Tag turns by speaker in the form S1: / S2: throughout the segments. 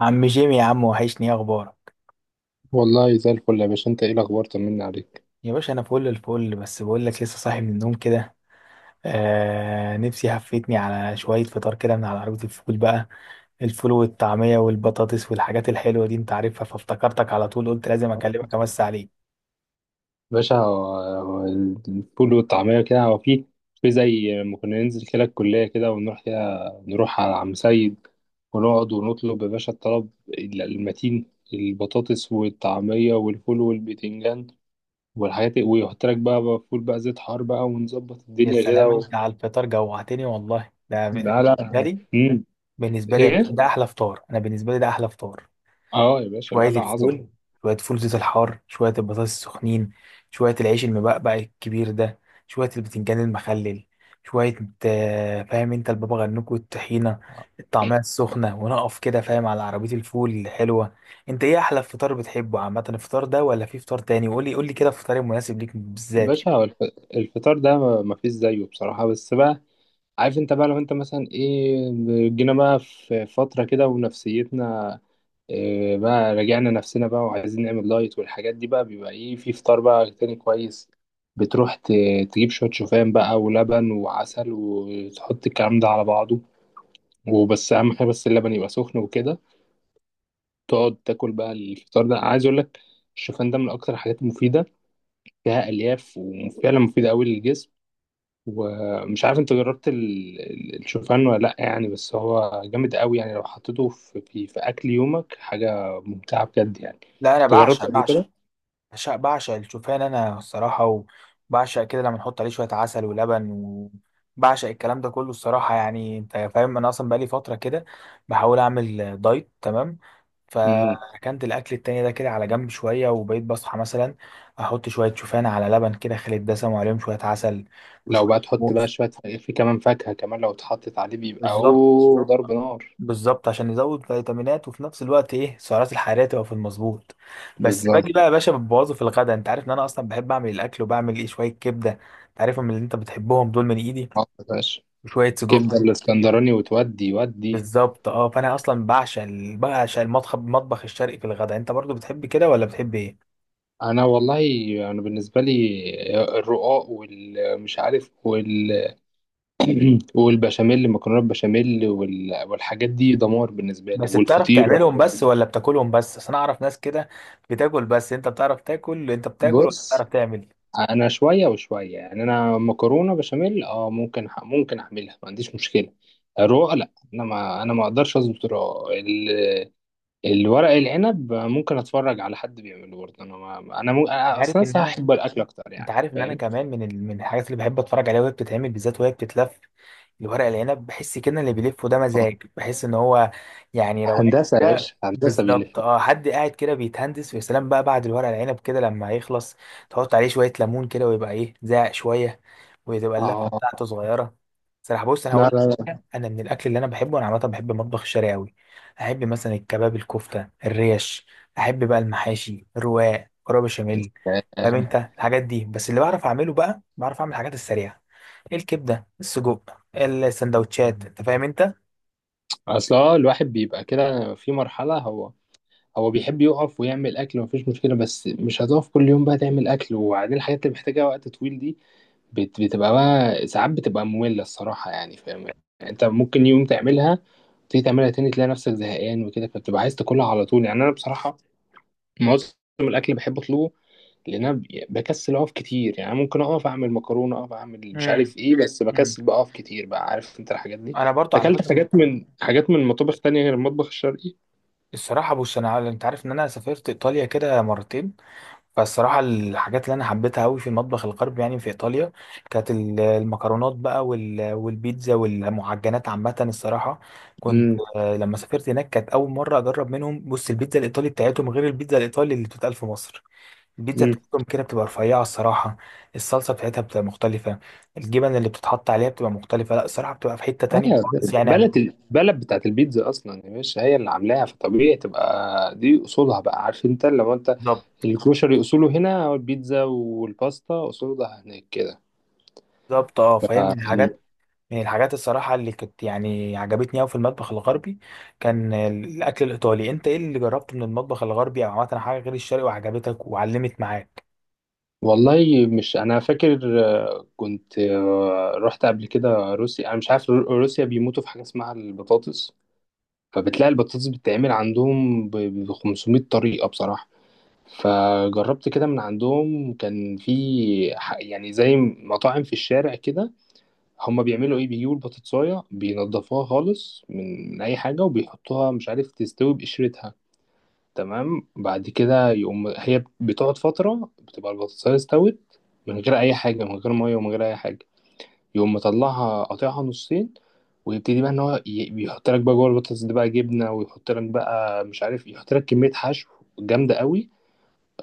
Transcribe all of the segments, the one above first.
S1: عم جيمي يا عم، وحشني، ايه اخبارك؟
S2: والله زي الفل يا باشا، انت ايه الاخبار؟ طمنا عليك.
S1: يا باشا انا فل الفل، بس بقول لك لسه صاحي من النوم كده. نفسي هفتني على شويه فطار كده من على عربيه الفول بقى. الفول والطعميه والبطاطس والحاجات الحلوه دي انت عارفها، فافتكرتك على طول، قلت لازم اكلمك امس عليك.
S2: باشا، هو الفول والطعمية كده هو في زي ما كنا ننزل كده الكلية كده ونروح كده، نروح على عم سيد ونقعد ونطلب، يا باشا الطلب المتين: البطاطس والطعمية والفول والبتنجان والحاجات دي، ويحط لك بقى فول بقى، زيت حار بقى، ونظبط
S1: يا
S2: الدنيا كده
S1: سلام،
S2: و...
S1: انت على الفطار جوعتني والله، ده
S2: لا لا،
S1: بالنسبه لي.
S2: مم.
S1: بالنسبه لي يا باشا
S2: ايه.
S1: ده احلى فطار، انا بالنسبه لي ده احلى فطار.
S2: اه يا باشا،
S1: شوية
S2: لا لا، عظمة.
S1: الفول شوية فول زيت الحار، شوية البطاطس السخنين، شوية العيش المبقبق الكبير ده، شوية البتنجان المخلل، شوية فاهم انت، البابا غنوج والطحينة، الطعمية السخنة، ونقف كده فاهم على عربية الفول الحلوة. انت ايه احلى فطار بتحبه عامة؟ الفطار ده ولا في فطار تاني؟ وقولي قولي كده الفطار المناسب ليك بالذات يعني.
S2: باشا، الفطار ده ما فيش زيه بصراحة، بس بقى عارف انت بقى، لو انت مثلا ايه جينا بقى في فترة كده ونفسيتنا إيه بقى، راجعنا نفسنا بقى وعايزين نعمل دايت والحاجات دي بقى، بيبقى ايه في فطار بقى تاني كويس. بتروح ت- تجيب شوية شوفان بقى ولبن وعسل وتحط الكلام ده على بعضه، وبس أهم حاجة بس اللبن يبقى سخن وكده، تقعد تاكل بقى. الفطار ده عايز أقول لك، الشوفان ده من أكتر الحاجات المفيدة، فيها ألياف وفعلا مفيدة أوي للجسم. ومش عارف انت جربت الشوفان ولا لا يعني، بس هو جامد قوي يعني لو حطيته في اكل يومك حاجه ممتعه بجد يعني.
S1: لا انا
S2: انت
S1: بعشق
S2: جربت قبل
S1: بعشق
S2: كده؟
S1: بعشق بعشق الشوفان انا الصراحه. وبعشق كده لما نحط عليه شويه عسل ولبن، وبعشق الكلام ده كله الصراحه. يعني انت فاهم، انا اصلا بقالي فتره كده بحاول اعمل دايت، تمام؟
S2: امم
S1: فركنت الاكل التاني ده كده على جنب شويه، وبقيت بصحى مثلا احط شويه شوفان على لبن كده خالي الدسم، وعليهم شويه عسل
S2: لو
S1: وشويه
S2: بقى تحط بقى
S1: موز.
S2: شويه في كمان فاكهه، كمان لو اتحطت عليه بيبقى
S1: بالظبط،
S2: اوه ضرب نار.
S1: بالظبط عشان يزود فيتامينات، وفي نفس الوقت ايه السعرات الحراريه تبقى في المظبوط. بس
S2: بالظبط.
S1: باجي بقى يا باشا ببوظه في الغدا، انت عارف ان انا اصلا بحب اعمل الاكل، وبعمل ايه شويه كبده انت عارفهم اللي انت بتحبهم دول من ايدي،
S2: اه يا باشا،
S1: وشويه سجق.
S2: كبده الاسكندراني
S1: إيه؟
S2: وتودي ودي.
S1: بالظبط. اه فانا اصلا بعشق المطبخ الشرقي في الغدا. انت برضو بتحب كده ولا بتحب ايه؟
S2: انا والله، انا بالنسبه لي الرقاق والمش عارف وال والبشاميل، مكرونه بشاميل، وال... والحاجات دي دمار بالنسبه لي،
S1: بس بتعرف
S2: والفطير
S1: تعملهم
S2: والحاجات
S1: بس،
S2: دي.
S1: ولا بتاكلهم بس؟ اصل انا اعرف ناس كده بتاكل بس. انت بتعرف تاكل انت، بتاكل ولا
S2: بص،
S1: بتعرف تعمل؟
S2: انا شويه وشويه يعني، انا مكرونه بشاميل اه ممكن ح... ممكن اعملها، ما عنديش مشكله. الرقاق لا، انا ما اقدرش اظبط الرقاق ال... الورق العنب ممكن اتفرج على حد بيعمله برضه. انا ما... انا, م... أنا
S1: عارف ان
S2: اصلا
S1: انا
S2: هحب الاكل اكتر
S1: انت
S2: يعني،
S1: عارف ان انا
S2: فاهم؟
S1: كمان من الحاجات اللي بحب اتفرج عليها وهي بتتعمل بالذات وهي بتتلف. الورق العنب بحس كده اللي بيلفه ده
S2: آه.
S1: مزاج، بحس ان هو يعني روقان
S2: هندسه يا
S1: كده
S2: باشا، هندسه بيلف.
S1: بالظبط. اه حد قاعد كده بيتهندس. ويا سلام بقى بعد الورق العنب كده لما يخلص تحط عليه شويه ليمون كده ويبقى ايه زاق شويه، وتبقى اللفه
S2: اه،
S1: بتاعته صغيره. صراحه بص انا
S2: لا
S1: هقول،
S2: لا لا.
S1: انا من الاكل اللي انا بحبه، انا عامه بحب المطبخ الشرقي قوي. احب مثلا الكباب، الكفته، الريش. احب بقى المحاشي، الرواق، كرب بشاميل،
S2: آه،
S1: فاهم انت الحاجات دي. بس اللي بعرف اعمله بقى، بعرف اعمل الحاجات السريعه: الكبده، السجق، السندوتشات، انت فاهم انت.
S2: اصل هو الواحد بيبقى كده في مرحله، هو بيحب يقف ويعمل اكل، مفيش مشكله، بس مش هتقف كل يوم بقى تعمل اكل، وبعدين الحاجات اللي محتاجه وقت طويل دي بتبقى بقى ساعات بتبقى ممله الصراحه يعني، فاهم؟ يعني انت ممكن يوم تعملها، تيجي تعملها تاني تلاقي نفسك زهقان وكده، فبتبقى عايز تاكلها على طول يعني. انا بصراحه معظم الاكل بحب اطلبه، لان انا بكسل اقف كتير يعني. ممكن اقف اعمل مكرونه، اقف اعمل مش
S1: امم
S2: عارف ايه، بس
S1: امم
S2: بكسل بقى اقف كتير بقى، عارف انت الحاجات دي.
S1: انا برضو على
S2: اكلت
S1: فكره.
S2: حاجات من حاجات من مطابخ تانية غير المطبخ الشرقي؟
S1: الصراحه بص انا، انت عارف ان انا سافرت ايطاليا كده مرتين. فالصراحة الحاجات اللي أنا حبيتها أوي في المطبخ الغربي يعني في إيطاليا، كانت المكرونات بقى والبيتزا والمعجنات عامة الصراحة. كنت لما سافرت هناك كانت أول مرة أجرب منهم. بص البيتزا الإيطالي بتاعتهم غير البيتزا الإيطالي اللي بتتقال في مصر. البيتزا
S2: امم
S1: بتاعتهم كده بتبقى رفيعة الصراحة، الصلصة بتاعتها بتبقى مختلفة، الجبن اللي بتتحط عليها بتبقى مختلفة. لا الصراحة بتبقى في حتة تانية
S2: آه،
S1: خالص يعني.
S2: بلد، البلد بتاعت البيتزا اصلا يا باشا هي اللي عاملاها، فطبيعي تبقى دي اصولها بقى، عارف انت لو انت
S1: بالظبط،
S2: الكروشري اصوله هنا او البيتزا والباستا اصولها هناك كده.
S1: بالظبط. اه
S2: ف-
S1: فاهم، من الحاجات، من الحاجات الصراحة اللي كنت يعني عجبتني أوي في المطبخ الغربي، كان الأكل الإيطالي. أنت إيه اللي جربته من المطبخ الغربي أو عملت حاجة غير الشرقي وعجبتك وعلمت معاك؟
S2: والله مش انا فاكر، آه، كنت آه، رحت قبل كده روسيا. انا مش عارف، روسيا بيموتوا في حاجه اسمها البطاطس، فبتلاقي البطاطس بتتعمل عندهم 500 طريقه بصراحه. فجربت كده من عندهم، كان في يعني زي مطاعم في الشارع كده. هما بيعملوا ايه، بيجيبوا البطاطساية، بينضفوها خالص من اي حاجة، وبيحطوها مش عارف تستوي بقشرتها. تمام. بعد كده يقوم هي بتقعد فترة، بتبقى البطاطساية استوت من غير اي حاجة، من غير مية ومن غير اي حاجة. يقوم مطلعها، قاطعها نصين، ويبتدي بقى ان هو بيحط لك بقى جوه البطاطس دي بقى جبنة، ويحط لك بقى مش عارف، يحط لك كمية حشو جامدة قوي.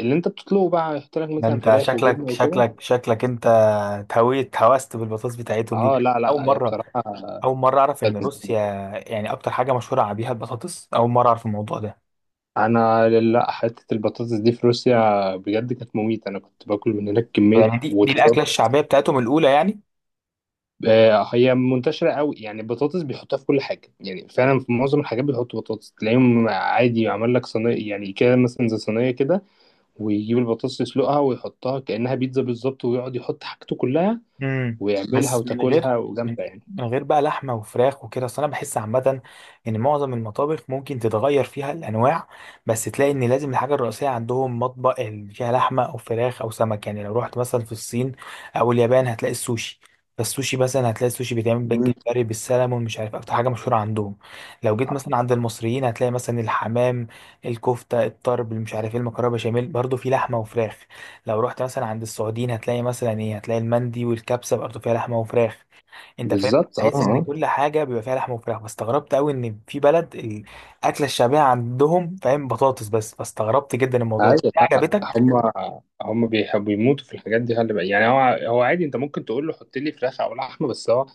S2: اللي انت بتطلبه بقى يحط لك
S1: ده
S2: مثلا
S1: أنت
S2: فراخ وجبنة
S1: شكلك
S2: وكده.
S1: أنت اتهويت هوست بالبطاطس بتاعتهم دي.
S2: اه لا
S1: أول
S2: لا، هي
S1: مرة
S2: بصراحة
S1: أول مرة أعرف إن
S2: كانت،
S1: روسيا يعني أكتر حاجة مشهورة بيها البطاطس. أول مرة أعرف الموضوع ده.
S2: انا لا، حته البطاطس دي في روسيا بجد كانت مميته. انا كنت باكل من هناك كميه
S1: يعني دي الأكلة الشعبية بتاعتهم الأولى يعني.
S2: آه، هي منتشره قوي يعني. البطاطس بيحطوها في كل حاجه يعني، فعلا في معظم الحاجات بيحطوا بطاطس. تلاقيهم عادي عمل لك صينيه يعني كده، مثلا زي صينيه كده، ويجيب البطاطس يسلقها ويحطها كانها بيتزا بالظبط، ويقعد يحط حاجته كلها
S1: امم.
S2: ويعملها
S1: بس
S2: وتاكلها،
S1: من
S2: وجامده يعني.
S1: من غير بقى لحمه وفراخ وكده. اصل انا بحس عامه ان معظم المطابخ ممكن تتغير فيها الانواع، بس تلاقي ان لازم الحاجه الرئيسيه عندهم مطبخ اللي فيها لحمه او فراخ او سمك. يعني لو رحت مثلا في الصين او اليابان هتلاقي السوشي. فالسوشي مثلا هتلاقي السوشي بيتعمل
S2: مم.
S1: بالجمبري بالسلمون، مش عارف اكتر حاجه مشهوره عندهم. لو جيت مثلا عند المصريين هتلاقي مثلا الحمام، الكفته، الطرب اللي مش عارف ايه، المكرونه بشاميل، برضه في لحمه وفراخ. لو رحت مثلا عند السعوديين هتلاقي مثلا ايه، هتلاقي المندي والكبسه برضه فيها لحمه وفراخ. انت فاهم؟
S2: بالظبط، اه
S1: بحيث ان
S2: اه.
S1: كل حاجه بيبقى فيها لحمه وفراخ، فاستغربت قوي ان في بلد الاكله الشعبيه عندهم فاهم بطاطس بس. فاستغربت جدا الموضوع ده.
S2: عادي،
S1: دي
S2: لا لا،
S1: عجبتك؟
S2: هم هم بيحبوا يموتوا في الحاجات دي، خلي بالك يعني. هو عادي، انت ممكن تقول له حط لي فراخ او لحمه، بس هو،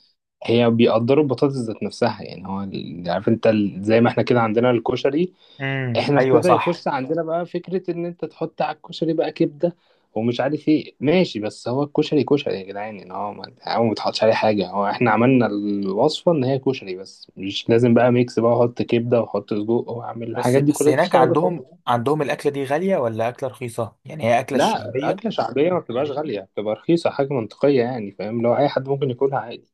S2: هي بيقدروا البطاطس ذات نفسها يعني. هو عارف انت زي ما احنا كده عندنا الكشري،
S1: امم،
S2: احنا
S1: ايوه
S2: ابتدى
S1: صح.
S2: يخش عندنا بقى فكره ان انت تحط على الكشري بقى كبده ومش عارف ايه، ماشي، بس هو الكشري كشري يا جدعان، ان هو ما هو ما بيتحطش عليه حاجه. هو احنا عملنا الوصفه ان هي كشري بس، مش لازم بقى ميكس بقى احط كبده واحط سجق واعمل
S1: بس
S2: الحاجات دي
S1: بس
S2: كلها
S1: هناك
S2: بتبقى.
S1: عندهم الاكله دي غاليه ولا اكله رخيصه؟ يعني هي اكله
S2: لا،
S1: الشعبيه.
S2: أكلة شعبية ما بتبقاش غالية، بتبقى رخيصة، حاجة منطقية يعني، فاهم؟ لو أي حد ممكن ياكلها عادي.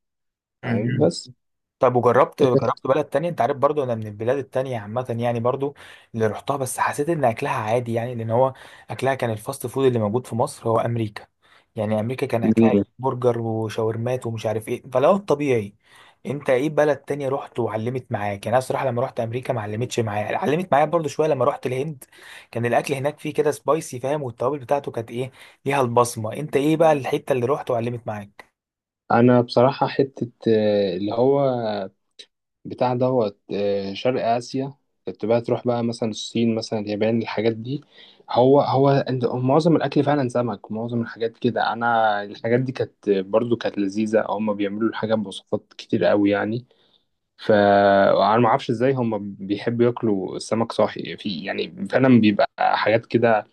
S2: فاهم؟
S1: امم.
S2: بس.
S1: طب وجربت بلد تانية؟ انت عارف برضو انا من البلاد التانية عامة يعني، برضو اللي رحتها بس حسيت ان اكلها عادي، يعني لان هو اكلها كان الفاست فود اللي موجود في مصر هو امريكا. يعني امريكا كان اكلها إيه؟
S2: مم.
S1: برجر وشاورمات ومش عارف ايه، فلو الطبيعي. انت ايه بلد تانية رحت وعلمت معاك يعني؟ انا الصراحة لما رحت امريكا ما علمتش معايا، علمت معايا برضو شوية لما رحت الهند. كان الاكل هناك فيه كده سبايسي فاهم، والتوابل بتاعته كانت ايه، ليها البصمة. انت ايه بقى الحتة اللي رحت وعلمت معاك؟
S2: أنا بصراحة حتة آه، اللي هو بتاع دوت آه، شرق آسيا. كنت بقى تروح بقى مثلا الصين مثلا اليابان الحاجات دي. هو معظم الأكل فعلا سمك، معظم الحاجات كده. أنا الحاجات دي كانت برضو كانت لذيذة، هما بيعملوا الحاجات بوصفات كتير قوي يعني. فانا ما اعرفش ازاي هم بيحبوا ياكلوا السمك صاحي، في يعني فعلا بيبقى حاجات كده.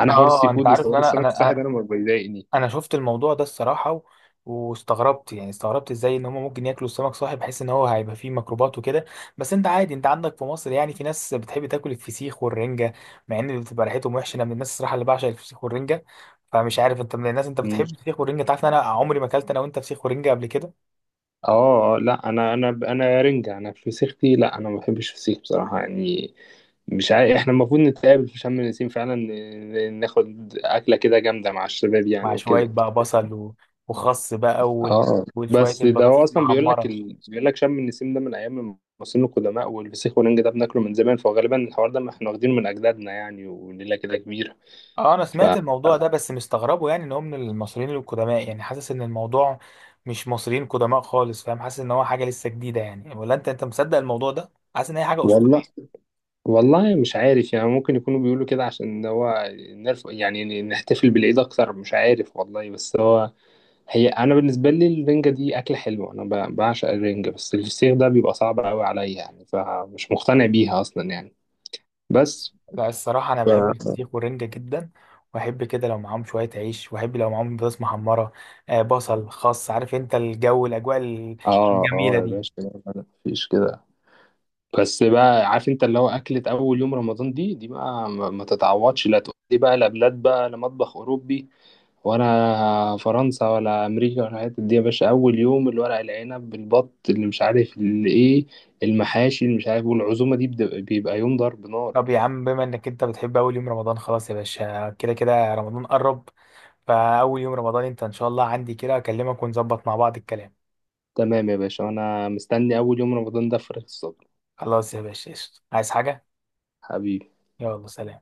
S2: انا حوار السي
S1: اه انت
S2: فود
S1: عارف ان
S2: وحوار
S1: انا
S2: السمك الصاحي
S1: انا
S2: ده انا ما بيضايقني.
S1: انا شفت الموضوع ده الصراحه، واستغربت يعني، استغربت ازاي ان هم ممكن ياكلوا السمك صاحي بحيث ان هو هيبقى فيه ميكروبات وكده. بس انت عادي، انت عندك في مصر يعني في ناس بتحب تاكل الفسيخ والرنجه مع ان بتبقى ريحتهم وحشه. انا من الناس الصراحه اللي بعشق الفسيخ والرنجه. فمش عارف انت من الناس، انت
S2: مم.
S1: بتحب الفسيخ والرنجه؟ تعرف ان انا عمري ما اكلت انا وانت فسيخ ورنجه قبل كده.
S2: اه آه، لا انا رنجة، انا فسيختي، لا انا ما بحبش فسيخ بصراحة يعني. مش عارف احنا المفروض نتقابل في شم النسيم فعلا، ناخد اكلة كده جامدة مع الشباب
S1: مع
S2: يعني
S1: شويه
S2: وكده.
S1: بقى بصل وخس بقى
S2: اه
S1: وشويه
S2: بس ده، هو
S1: البطاطس
S2: اصلا بيقول لك
S1: المحمره.
S2: ال... بيقول لك شم النسيم ده من ايام المصريين القدماء، والفسيخ والنجق ده بناكله من زمان، فغالبا الحوار ده ما احنا واخدينه من اجدادنا يعني، وليله كده كبيره.
S1: اه انا
S2: ف
S1: سمعت الموضوع ده بس مستغربه، يعني ان هو من المصريين القدماء. يعني حاسس ان الموضوع مش مصريين قدماء خالص فاهم. حاسس ان هو حاجه لسه جديده يعني. ولا انت مصدق الموضوع ده، حاسس ان هي حاجه
S2: والله،
S1: اسطوريه؟
S2: والله مش عارف يعني. ممكن يكونوا بيقولوا كده عشان هو نرف... يعني نحتفل بالعيد اكتر، مش عارف والله. بس هو، هي انا بالنسبه لي الرنجه دي اكله حلوه، انا ب... بعشق الرنجه، بس الفسيخ ده بيبقى صعب قوي عليا يعني، فمش مقتنع بيها اصلا يعني. بس
S1: لا الصراحه انا
S2: ف...
S1: بحب الفسيخ والرنجه جدا. واحب كده لو معاهم شويه عيش، واحب لو معاهم بطاطس محمره. بصل، خس، عارف انت الجو، الاجواء
S2: اه
S1: الجميله
S2: اه يا
S1: دي.
S2: باشا، لا، لا، مفيش كده. بس بقى عارف انت، اللي هو اكلة اول يوم رمضان دي بقى ما تتعوضش. لا تقول لي بقى لا بلاد بقى، لا مطبخ اوروبي ولا فرنسا ولا امريكا ولا الحتت دي يا باشا. اول يوم الورق العنب بالبط اللي مش عارف اللي ايه، المحاشي اللي مش عارف والعزومة دي بيبقى يوم ضرب نار.
S1: طب يا عم بما انك انت بتحب اول يوم رمضان، خلاص يا باشا كده كده رمضان قرب. فاول يوم رمضان انت ان شاء الله عندي كده، اكلمك ونظبط مع بعض الكلام.
S2: تمام يا باشا، انا مستني اول يوم رمضان ده بفارغ الصبر.
S1: خلاص يا باشا قشطة، عايز حاجة؟
S2: حبيبي.
S1: يلا سلام.